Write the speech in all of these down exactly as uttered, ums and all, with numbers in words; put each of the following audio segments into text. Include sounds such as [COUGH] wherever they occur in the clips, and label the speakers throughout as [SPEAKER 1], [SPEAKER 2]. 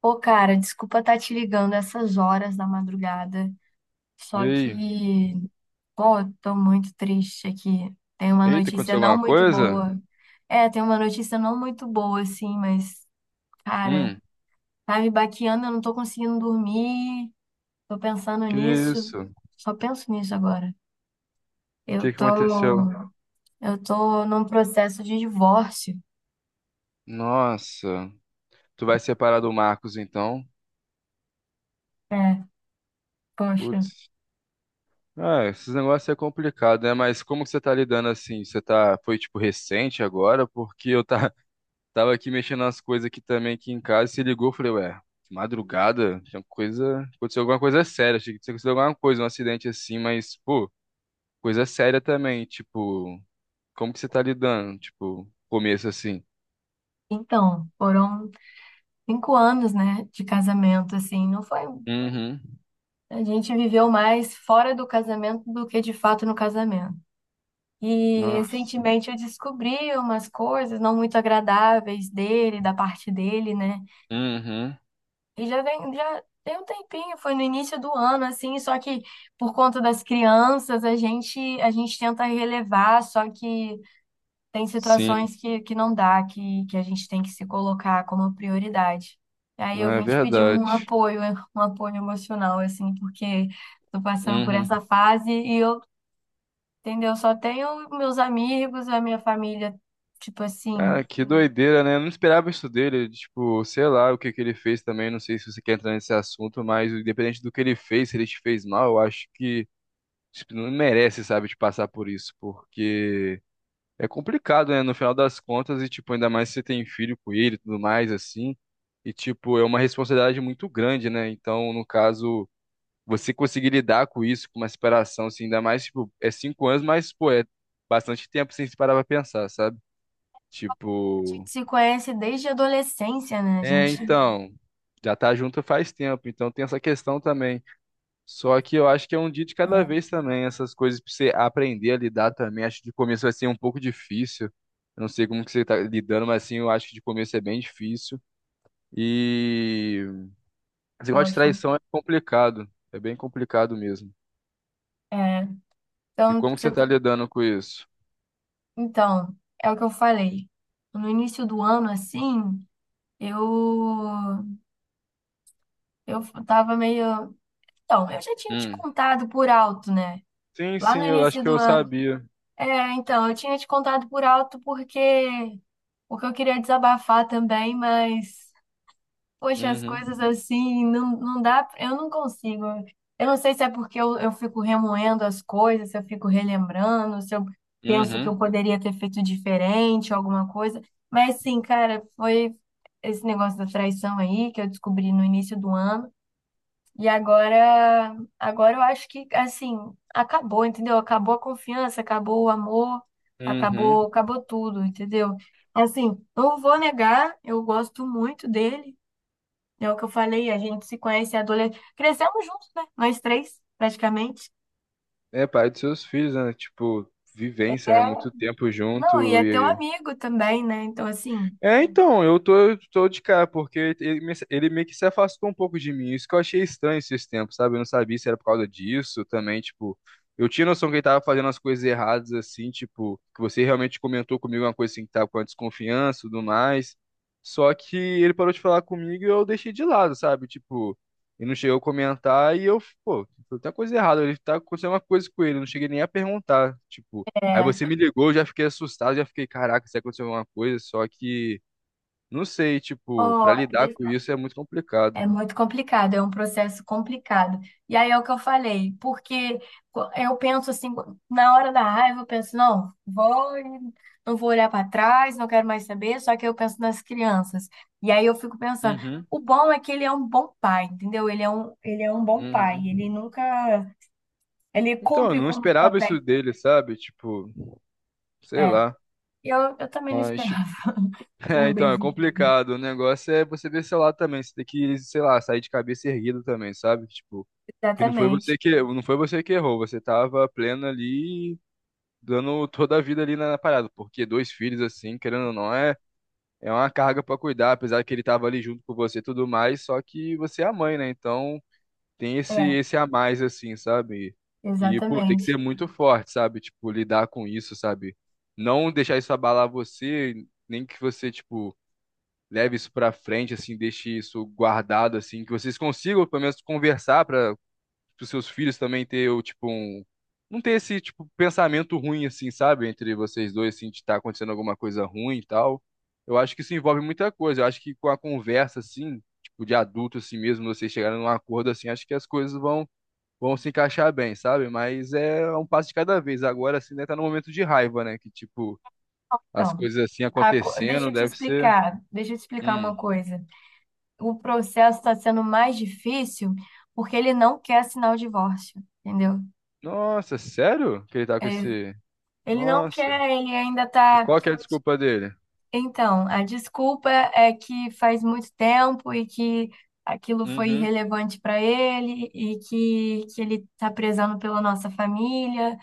[SPEAKER 1] Pô, cara, desculpa estar te ligando essas horas da madrugada,
[SPEAKER 2] E
[SPEAKER 1] só
[SPEAKER 2] aí?
[SPEAKER 1] que, pô, eu tô muito triste aqui. Tem uma
[SPEAKER 2] Eita,
[SPEAKER 1] notícia
[SPEAKER 2] aconteceu
[SPEAKER 1] não
[SPEAKER 2] alguma
[SPEAKER 1] muito
[SPEAKER 2] coisa?
[SPEAKER 1] boa. É, tem uma notícia não muito boa, assim, mas, cara,
[SPEAKER 2] Hum,
[SPEAKER 1] tá me baqueando, eu não tô conseguindo dormir, tô pensando
[SPEAKER 2] que
[SPEAKER 1] nisso,
[SPEAKER 2] isso? O
[SPEAKER 1] só penso nisso agora. Eu
[SPEAKER 2] que que
[SPEAKER 1] tô,
[SPEAKER 2] aconteceu?
[SPEAKER 1] eu tô num processo de divórcio.
[SPEAKER 2] Nossa, tu vai separar do Marcos então?
[SPEAKER 1] É, poxa.
[SPEAKER 2] Putz. Ah, esses negócios é complicado, né? Mas como que você tá lidando assim? Você tá, foi tipo recente agora? Porque eu tá, [LAUGHS] tava aqui mexendo nas coisas aqui também aqui em casa e se ligou, eu falei, ué, de madrugada? Tinha coisa, aconteceu alguma coisa séria, achei que tinha acontecido alguma coisa, um acidente assim, mas, pô, coisa séria também, tipo, como que você tá lidando? Tipo, começo assim.
[SPEAKER 1] Então, foram cinco anos, né, de casamento, assim, não foi.
[SPEAKER 2] Uhum.
[SPEAKER 1] A gente viveu mais fora do casamento do que de fato no casamento. E
[SPEAKER 2] Nossa.
[SPEAKER 1] recentemente eu descobri umas coisas não muito agradáveis dele, da parte dele, né?
[SPEAKER 2] Uhum.
[SPEAKER 1] E já vem, já tem um tempinho, foi no início do ano, assim, só que por conta das crianças, a gente, a gente tenta relevar, só que tem
[SPEAKER 2] Sim,
[SPEAKER 1] situações que, que não dá, que, que a gente tem que se colocar como prioridade. E aí eu
[SPEAKER 2] é
[SPEAKER 1] vim te pedir um
[SPEAKER 2] verdade.
[SPEAKER 1] apoio, um apoio emocional, assim, porque tô passando por
[SPEAKER 2] Uhum.
[SPEAKER 1] essa fase e eu, entendeu? Só tenho meus amigos, a minha família, tipo assim, a
[SPEAKER 2] Cara, que doideira, né? Eu não esperava isso dele. Tipo, sei lá o que que ele fez também. Não sei se você quer entrar nesse assunto, mas independente do que ele fez, se ele te fez mal, eu acho que tipo, não merece, sabe, de passar por isso, porque é complicado, né? No final das contas, e tipo, ainda mais se você tem filho com ele e tudo mais, assim. E tipo, é uma responsabilidade muito grande, né? Então, no caso. Você conseguir lidar com isso, com uma separação, assim, ainda mais, tipo, é cinco anos, mas, pô, é bastante tempo sem se parar pra pensar, sabe?
[SPEAKER 1] gente
[SPEAKER 2] Tipo,
[SPEAKER 1] se conhece desde a adolescência, né? A
[SPEAKER 2] é,
[SPEAKER 1] gente,
[SPEAKER 2] então, já tá junto faz tempo, então tem essa questão também. Só que eu acho que é um dia de cada
[SPEAKER 1] é,
[SPEAKER 2] vez também, essas coisas pra você aprender a lidar também. Acho que de começo vai ser um pouco difícil. Eu não sei como que você tá lidando, mas assim, eu acho que de começo é bem difícil. E esse negócio de
[SPEAKER 1] poxa,
[SPEAKER 2] traição é complicado, é bem complicado mesmo.
[SPEAKER 1] é.
[SPEAKER 2] E
[SPEAKER 1] Então,
[SPEAKER 2] como que
[SPEAKER 1] você
[SPEAKER 2] você tá
[SPEAKER 1] tá-
[SPEAKER 2] lidando com isso?
[SPEAKER 1] então, é o que eu falei. No início do ano, assim, eu eu tava meio. Então, eu já tinha te
[SPEAKER 2] Hum.
[SPEAKER 1] contado por alto, né?
[SPEAKER 2] Sim,
[SPEAKER 1] Lá
[SPEAKER 2] sim,
[SPEAKER 1] no
[SPEAKER 2] eu acho
[SPEAKER 1] início
[SPEAKER 2] que
[SPEAKER 1] do
[SPEAKER 2] eu
[SPEAKER 1] ano.
[SPEAKER 2] sabia.
[SPEAKER 1] É, então, eu tinha te contado por alto porque porque eu queria desabafar também, mas poxa, as
[SPEAKER 2] Uhum,
[SPEAKER 1] coisas assim não, não dá, eu não consigo. Eu não sei se é porque eu, eu fico remoendo as coisas, se eu fico relembrando, se eu penso que
[SPEAKER 2] uhum,
[SPEAKER 1] eu poderia ter feito diferente, alguma coisa. Mas sim, cara, foi esse negócio da traição aí que eu descobri no início do ano. E agora, agora eu acho que assim, acabou, entendeu? Acabou a confiança, acabou o amor,
[SPEAKER 2] uhum.
[SPEAKER 1] acabou, acabou tudo, entendeu? Assim, não vou negar, eu gosto muito dele. É o que eu falei, a gente se conhece é adolescente. Crescemos juntos, né? Nós três, praticamente.
[SPEAKER 2] É, pai dos seus filhos, né? Tipo, vivência, né?
[SPEAKER 1] É,
[SPEAKER 2] Muito tempo
[SPEAKER 1] não, e
[SPEAKER 2] junto
[SPEAKER 1] é teu
[SPEAKER 2] e
[SPEAKER 1] amigo também, né? Então, assim,
[SPEAKER 2] é, então, eu tô, eu tô de cara, porque ele, me- ele meio que se afastou um pouco de mim. Isso que eu achei estranho esses tempos, sabe? Eu não sabia se era por causa disso também, tipo. Eu tinha noção que ele tava fazendo as coisas erradas, assim, tipo, que você realmente comentou comigo uma coisa assim que tava com a desconfiança e tudo mais. Só que ele parou de falar comigo e eu deixei de lado, sabe? Tipo, ele não chegou a comentar e eu, pô, tem coisa errada. Ele tá acontecendo uma coisa com ele, eu não cheguei nem a perguntar, tipo. Aí você
[SPEAKER 1] é
[SPEAKER 2] me ligou, eu já fiquei assustado, já fiquei, caraca, se aconteceu alguma coisa, só que não sei, tipo, pra
[SPEAKER 1] ó,
[SPEAKER 2] lidar com isso é muito complicado.
[SPEAKER 1] é muito complicado, é um processo complicado. E aí é o que eu falei, porque co- eu penso assim, na hora da raiva, eu penso, não, vou, e não vou olhar para trás, não quero mais saber, só que eu penso nas crianças. E aí eu fico pensando,
[SPEAKER 2] Uhum,
[SPEAKER 1] o bom é que ele é um bom pai, entendeu? Ele é um, ele é um bom pai, ele
[SPEAKER 2] uhum.
[SPEAKER 1] nunca, ele
[SPEAKER 2] Então, eu
[SPEAKER 1] cumpre
[SPEAKER 2] não
[SPEAKER 1] com os
[SPEAKER 2] esperava
[SPEAKER 1] papéis.
[SPEAKER 2] isso dele, sabe? Tipo, sei
[SPEAKER 1] É,
[SPEAKER 2] lá.
[SPEAKER 1] eu, eu também não
[SPEAKER 2] Mas, tipo,
[SPEAKER 1] esperava,
[SPEAKER 2] [LAUGHS] é,
[SPEAKER 1] sendo bem
[SPEAKER 2] então, é
[SPEAKER 1] sincera.
[SPEAKER 2] complicado. O negócio é você ver seu lado também. Você tem que, sei lá, sair de cabeça erguida também, sabe? Tipo, que não foi
[SPEAKER 1] Exatamente,
[SPEAKER 2] você que, não foi você que errou, você tava pleno ali, dando toda a vida ali na na parada. Porque dois filhos, assim, querendo ou não, é. É uma carga pra cuidar, apesar que ele tava ali junto com você e tudo mais, só que você é a mãe, né? Então tem esse
[SPEAKER 1] é,
[SPEAKER 2] esse a mais assim, sabe? E pô, tem que
[SPEAKER 1] exatamente.
[SPEAKER 2] ser muito forte, sabe? Tipo, lidar com isso, sabe? Não deixar isso abalar você, nem que você tipo leve isso pra frente assim, deixe isso guardado assim, que vocês consigam pelo menos conversar pra os seus filhos também ter, o, tipo, um. Não ter esse, tipo, pensamento ruim, assim, sabe? Entre vocês dois, assim, de estar acontecendo alguma coisa ruim e tal. Eu acho que isso envolve muita coisa. Eu acho que com a conversa, assim, tipo, de adulto, assim mesmo, vocês chegarem num acordo, assim, acho que as coisas vão, vão se encaixar bem, sabe? Mas é um passo de cada vez. Agora, assim, né, tá no momento de raiva, né? Que, tipo, as
[SPEAKER 1] Então,
[SPEAKER 2] coisas assim
[SPEAKER 1] a co- deixa
[SPEAKER 2] acontecendo,
[SPEAKER 1] eu te
[SPEAKER 2] deve ser.
[SPEAKER 1] explicar, deixa eu te explicar
[SPEAKER 2] Hum.
[SPEAKER 1] uma coisa. O processo está sendo mais difícil porque ele não quer assinar o divórcio, entendeu?
[SPEAKER 2] Nossa, sério? Que ele tá com esse.
[SPEAKER 1] Ele não
[SPEAKER 2] Nossa.
[SPEAKER 1] quer, ele ainda
[SPEAKER 2] E
[SPEAKER 1] tá.
[SPEAKER 2] qual que é a desculpa dele?
[SPEAKER 1] Então, a desculpa é que faz muito tempo e que aquilo foi
[SPEAKER 2] Uhum.
[SPEAKER 1] irrelevante para ele e que, que ele tá prezando pela nossa família.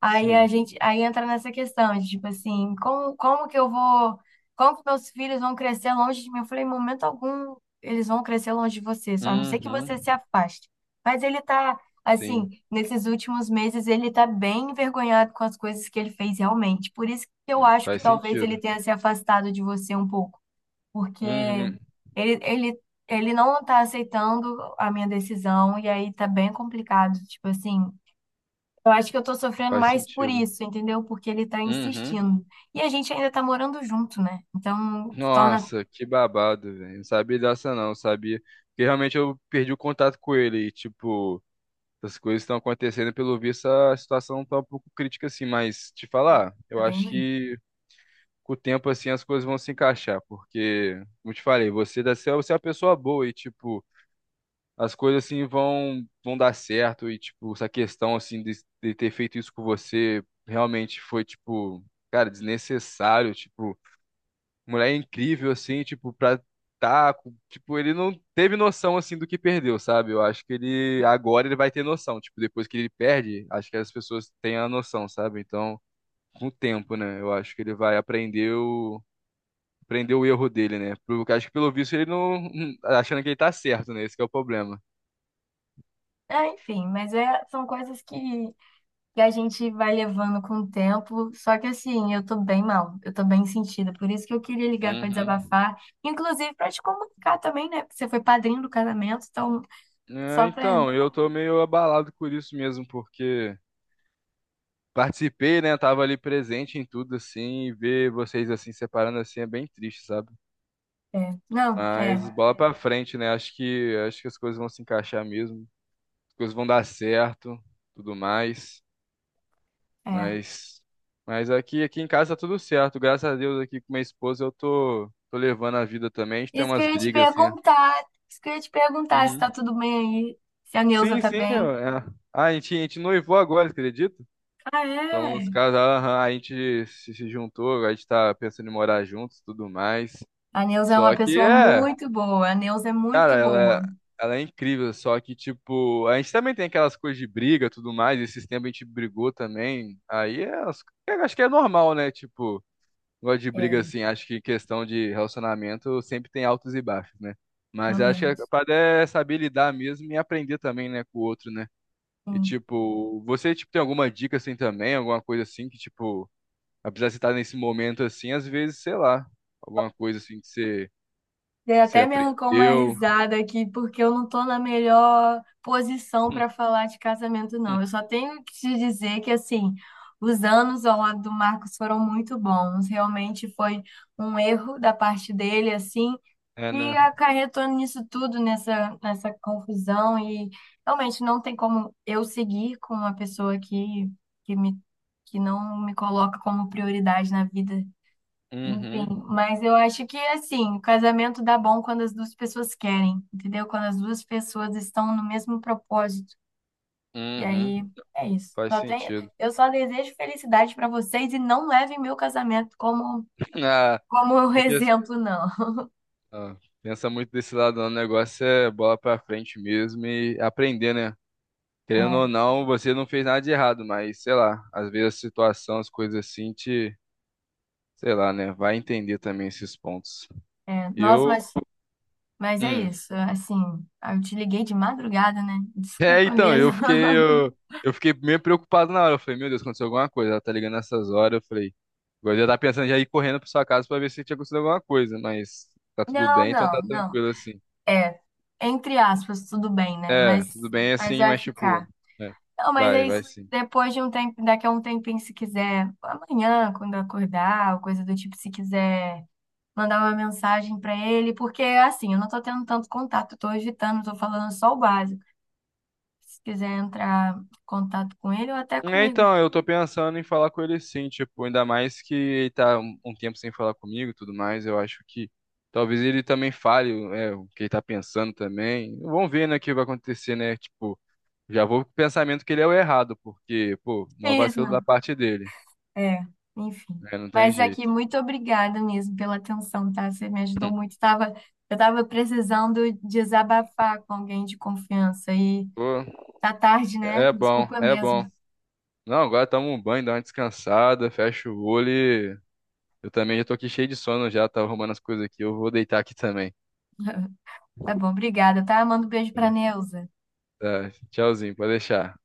[SPEAKER 1] Aí a
[SPEAKER 2] Sim.
[SPEAKER 1] gente, aí entra nessa questão, de, tipo assim, como, como que eu vou, como que meus filhos vão crescer longe de mim? Eu falei, em momento algum, eles vão crescer longe de você, só a não ser que
[SPEAKER 2] Uhum.
[SPEAKER 1] você se afaste. Mas ele tá, assim,
[SPEAKER 2] Sim,
[SPEAKER 1] nesses últimos meses, ele tá bem envergonhado com as coisas que ele fez realmente. Por isso que eu
[SPEAKER 2] não,
[SPEAKER 1] acho que
[SPEAKER 2] faz
[SPEAKER 1] talvez ele
[SPEAKER 2] sentido.
[SPEAKER 1] tenha se afastado de você um pouco, porque
[SPEAKER 2] Uhum.
[SPEAKER 1] ele, ele, ele não tá aceitando a minha decisão, e aí tá bem complicado, tipo assim. Eu acho que eu tô sofrendo
[SPEAKER 2] Faz
[SPEAKER 1] mais por
[SPEAKER 2] sentido.
[SPEAKER 1] isso, entendeu? Porque ele tá
[SPEAKER 2] Uhum.
[SPEAKER 1] insistindo. E a gente ainda tá morando junto, né? Então, torna.
[SPEAKER 2] Nossa, que babado, velho. Não sabia dessa não, sabia? Porque realmente eu perdi o contato com ele e, tipo, as coisas estão acontecendo, pelo visto a situação tá um pouco crítica assim, mas te
[SPEAKER 1] É,
[SPEAKER 2] falar, eu
[SPEAKER 1] tá bem
[SPEAKER 2] acho
[SPEAKER 1] longe.
[SPEAKER 2] que com o tempo assim as coisas vão se encaixar, porque, como eu te falei, você, deve ser- você é uma pessoa boa e, tipo, as coisas assim vão vão dar certo e tipo essa questão assim de, de ter feito isso com você realmente foi tipo cara desnecessário, tipo mulher incrível, assim, tipo pra tá com- tipo ele não teve noção assim do que perdeu, sabe? Eu acho que ele agora ele vai ter noção, tipo depois que ele perde, acho que as pessoas têm a noção, sabe? Então com o tempo, né? Eu acho que ele vai aprender o, aprender o erro dele, né? Porque acho que pelo visto ele não, achando que ele tá certo, né? Esse que é o problema.
[SPEAKER 1] Ah, enfim, mas é, são coisas que, que a gente vai levando com o tempo. Só que assim, eu tô bem mal, eu tô bem sentida. Por isso que eu queria ligar pra
[SPEAKER 2] Uhum.
[SPEAKER 1] desabafar, inclusive pra te comunicar também, né? Porque você foi padrinho do casamento, então
[SPEAKER 2] É,
[SPEAKER 1] só pra.
[SPEAKER 2] então, eu tô meio abalado por isso mesmo, porque participei, né? Tava ali presente em tudo, assim, e ver vocês assim separando assim é bem triste, sabe?
[SPEAKER 1] É. Não, é,
[SPEAKER 2] Mas bola pra frente, né? Acho que acho que as coisas vão se encaixar mesmo, as coisas vão dar certo, tudo mais.
[SPEAKER 1] é.
[SPEAKER 2] Mas mas aqui aqui em casa tá tudo certo, graças a Deus, aqui com minha esposa eu tô tô levando a vida também. A gente tem
[SPEAKER 1] Isso que
[SPEAKER 2] umas
[SPEAKER 1] eu ia te
[SPEAKER 2] brigas assim.
[SPEAKER 1] perguntar, isso que eu ia te perguntar se tá
[SPEAKER 2] Uhum.
[SPEAKER 1] tudo bem aí, se a Neuza
[SPEAKER 2] Sim,
[SPEAKER 1] tá
[SPEAKER 2] sim.
[SPEAKER 1] bem.
[SPEAKER 2] Eu- é. Ah, a gente, a gente noivou agora, acredita?
[SPEAKER 1] Ah,
[SPEAKER 2] Somos
[SPEAKER 1] é?
[SPEAKER 2] casados, aham, a gente se se juntou, a gente tá pensando em morar juntos, tudo mais.
[SPEAKER 1] A Neuza é uma
[SPEAKER 2] Só que
[SPEAKER 1] pessoa
[SPEAKER 2] é,
[SPEAKER 1] muito boa. A Neuza é
[SPEAKER 2] cara,
[SPEAKER 1] muito boa.
[SPEAKER 2] ela, ela é incrível, só que, tipo, a gente também tem aquelas coisas de briga, tudo mais, esses tempos a gente brigou também. Aí é, as- é, acho que é normal, né? Tipo, gosto de briga
[SPEAKER 1] É,
[SPEAKER 2] assim, acho que questão de relacionamento sempre tem altos e baixos, né? Mas acho que a
[SPEAKER 1] realmente.
[SPEAKER 2] parada é saber lidar mesmo e aprender também, né, com o outro, né? E
[SPEAKER 1] Sim.
[SPEAKER 2] tipo, você tipo tem alguma dica assim também, alguma coisa assim que tipo apesar de você estar nesse momento assim, às vezes, sei lá, alguma coisa assim que você,
[SPEAKER 1] E
[SPEAKER 2] que você
[SPEAKER 1] até me arrancou uma
[SPEAKER 2] aprendeu.
[SPEAKER 1] risada aqui, porque eu não tô na melhor posição para
[SPEAKER 2] [LAUGHS]
[SPEAKER 1] falar de casamento,
[SPEAKER 2] Hum,
[SPEAKER 1] não.
[SPEAKER 2] hum.
[SPEAKER 1] Eu só tenho que te dizer que, assim, os anos ao lado do Marcos foram muito bons. Realmente foi um erro da parte dele, assim,
[SPEAKER 2] É,
[SPEAKER 1] que
[SPEAKER 2] né?
[SPEAKER 1] acarretou nisso tudo, nessa, nessa confusão, e realmente não tem como eu seguir com uma pessoa que, que me, que não me coloca como prioridade na vida. Enfim,
[SPEAKER 2] Uhum,
[SPEAKER 1] mas eu acho que assim, o casamento dá bom quando as duas pessoas querem, entendeu? Quando as duas pessoas estão no mesmo propósito. E
[SPEAKER 2] uhum,
[SPEAKER 1] aí é isso.
[SPEAKER 2] faz
[SPEAKER 1] Só tenho,
[SPEAKER 2] sentido.
[SPEAKER 1] eu só desejo felicidade para vocês e não levem meu casamento como
[SPEAKER 2] [LAUGHS] Ah,
[SPEAKER 1] como um [LAUGHS]
[SPEAKER 2] é que,
[SPEAKER 1] exemplo, não.
[SPEAKER 2] ah, pensa muito desse lado, não. O negócio é bola pra frente mesmo e aprender, né? Querendo ou
[SPEAKER 1] É,
[SPEAKER 2] não, você não fez nada de errado, mas sei lá, às vezes a situação, as coisas assim te, sei lá, né? Vai entender também esses pontos.
[SPEAKER 1] é. Nossa,
[SPEAKER 2] Eu,
[SPEAKER 1] mas Mas é
[SPEAKER 2] hum,
[SPEAKER 1] isso, assim, eu te liguei de madrugada, né?
[SPEAKER 2] é,
[SPEAKER 1] Desculpa
[SPEAKER 2] então,
[SPEAKER 1] mesmo.
[SPEAKER 2] eu fiquei,
[SPEAKER 1] [LAUGHS]
[SPEAKER 2] eu, eu fiquei meio preocupado na hora. Eu falei, meu Deus, aconteceu alguma coisa. Ela tá ligando nessas horas. Eu falei, eu já tá pensando já ir correndo pra sua casa pra ver se tinha acontecido alguma coisa, mas tá tudo
[SPEAKER 1] Não,
[SPEAKER 2] bem, então tá
[SPEAKER 1] não, não.
[SPEAKER 2] tranquilo assim.
[SPEAKER 1] É, entre aspas, tudo bem, né?
[SPEAKER 2] É,
[SPEAKER 1] Mas,
[SPEAKER 2] tudo bem
[SPEAKER 1] mas
[SPEAKER 2] assim,
[SPEAKER 1] vai
[SPEAKER 2] mas tipo,
[SPEAKER 1] ficar.
[SPEAKER 2] é,
[SPEAKER 1] Não, mas é
[SPEAKER 2] vai,
[SPEAKER 1] isso.
[SPEAKER 2] vai sim.
[SPEAKER 1] Depois de um tempo, daqui a um tempinho, se quiser, amanhã, quando eu acordar, ou coisa do tipo, se quiser mandar uma mensagem pra ele, porque assim, eu não tô tendo tanto contato, tô evitando, tô falando só o básico. Se quiser entrar em contato com ele ou até
[SPEAKER 2] É,
[SPEAKER 1] comigo.
[SPEAKER 2] então, eu tô pensando em falar com ele sim, tipo, ainda mais que ele tá um um tempo sem falar comigo e tudo mais, eu acho que talvez ele também fale, é, o que ele tá pensando também. Vamos ver, né, o que vai acontecer, né, tipo. Já vou com o pensamento que ele é o errado, porque, pô,
[SPEAKER 1] [LAUGHS]
[SPEAKER 2] uma
[SPEAKER 1] Fiz,
[SPEAKER 2] vacilo da
[SPEAKER 1] né?
[SPEAKER 2] parte dele.
[SPEAKER 1] É, enfim.
[SPEAKER 2] Né? Não tem
[SPEAKER 1] Mas aqui,
[SPEAKER 2] jeito.
[SPEAKER 1] muito obrigada mesmo pela atenção, tá? Você me ajudou muito. Tava, eu tava precisando desabafar com alguém de confiança e
[SPEAKER 2] Pô,
[SPEAKER 1] tá tarde, né?
[SPEAKER 2] é bom,
[SPEAKER 1] Desculpa
[SPEAKER 2] é bom.
[SPEAKER 1] mesmo.
[SPEAKER 2] Não, agora toma um banho, dá uma descansada, fecha o olho e... Eu também já tô aqui cheio de sono já, tá arrumando as coisas aqui. Eu vou deitar aqui também.
[SPEAKER 1] [LAUGHS] Tá bom, obrigada, tá? Manda um beijo pra Neuza.
[SPEAKER 2] Tá, tchauzinho, pode deixar.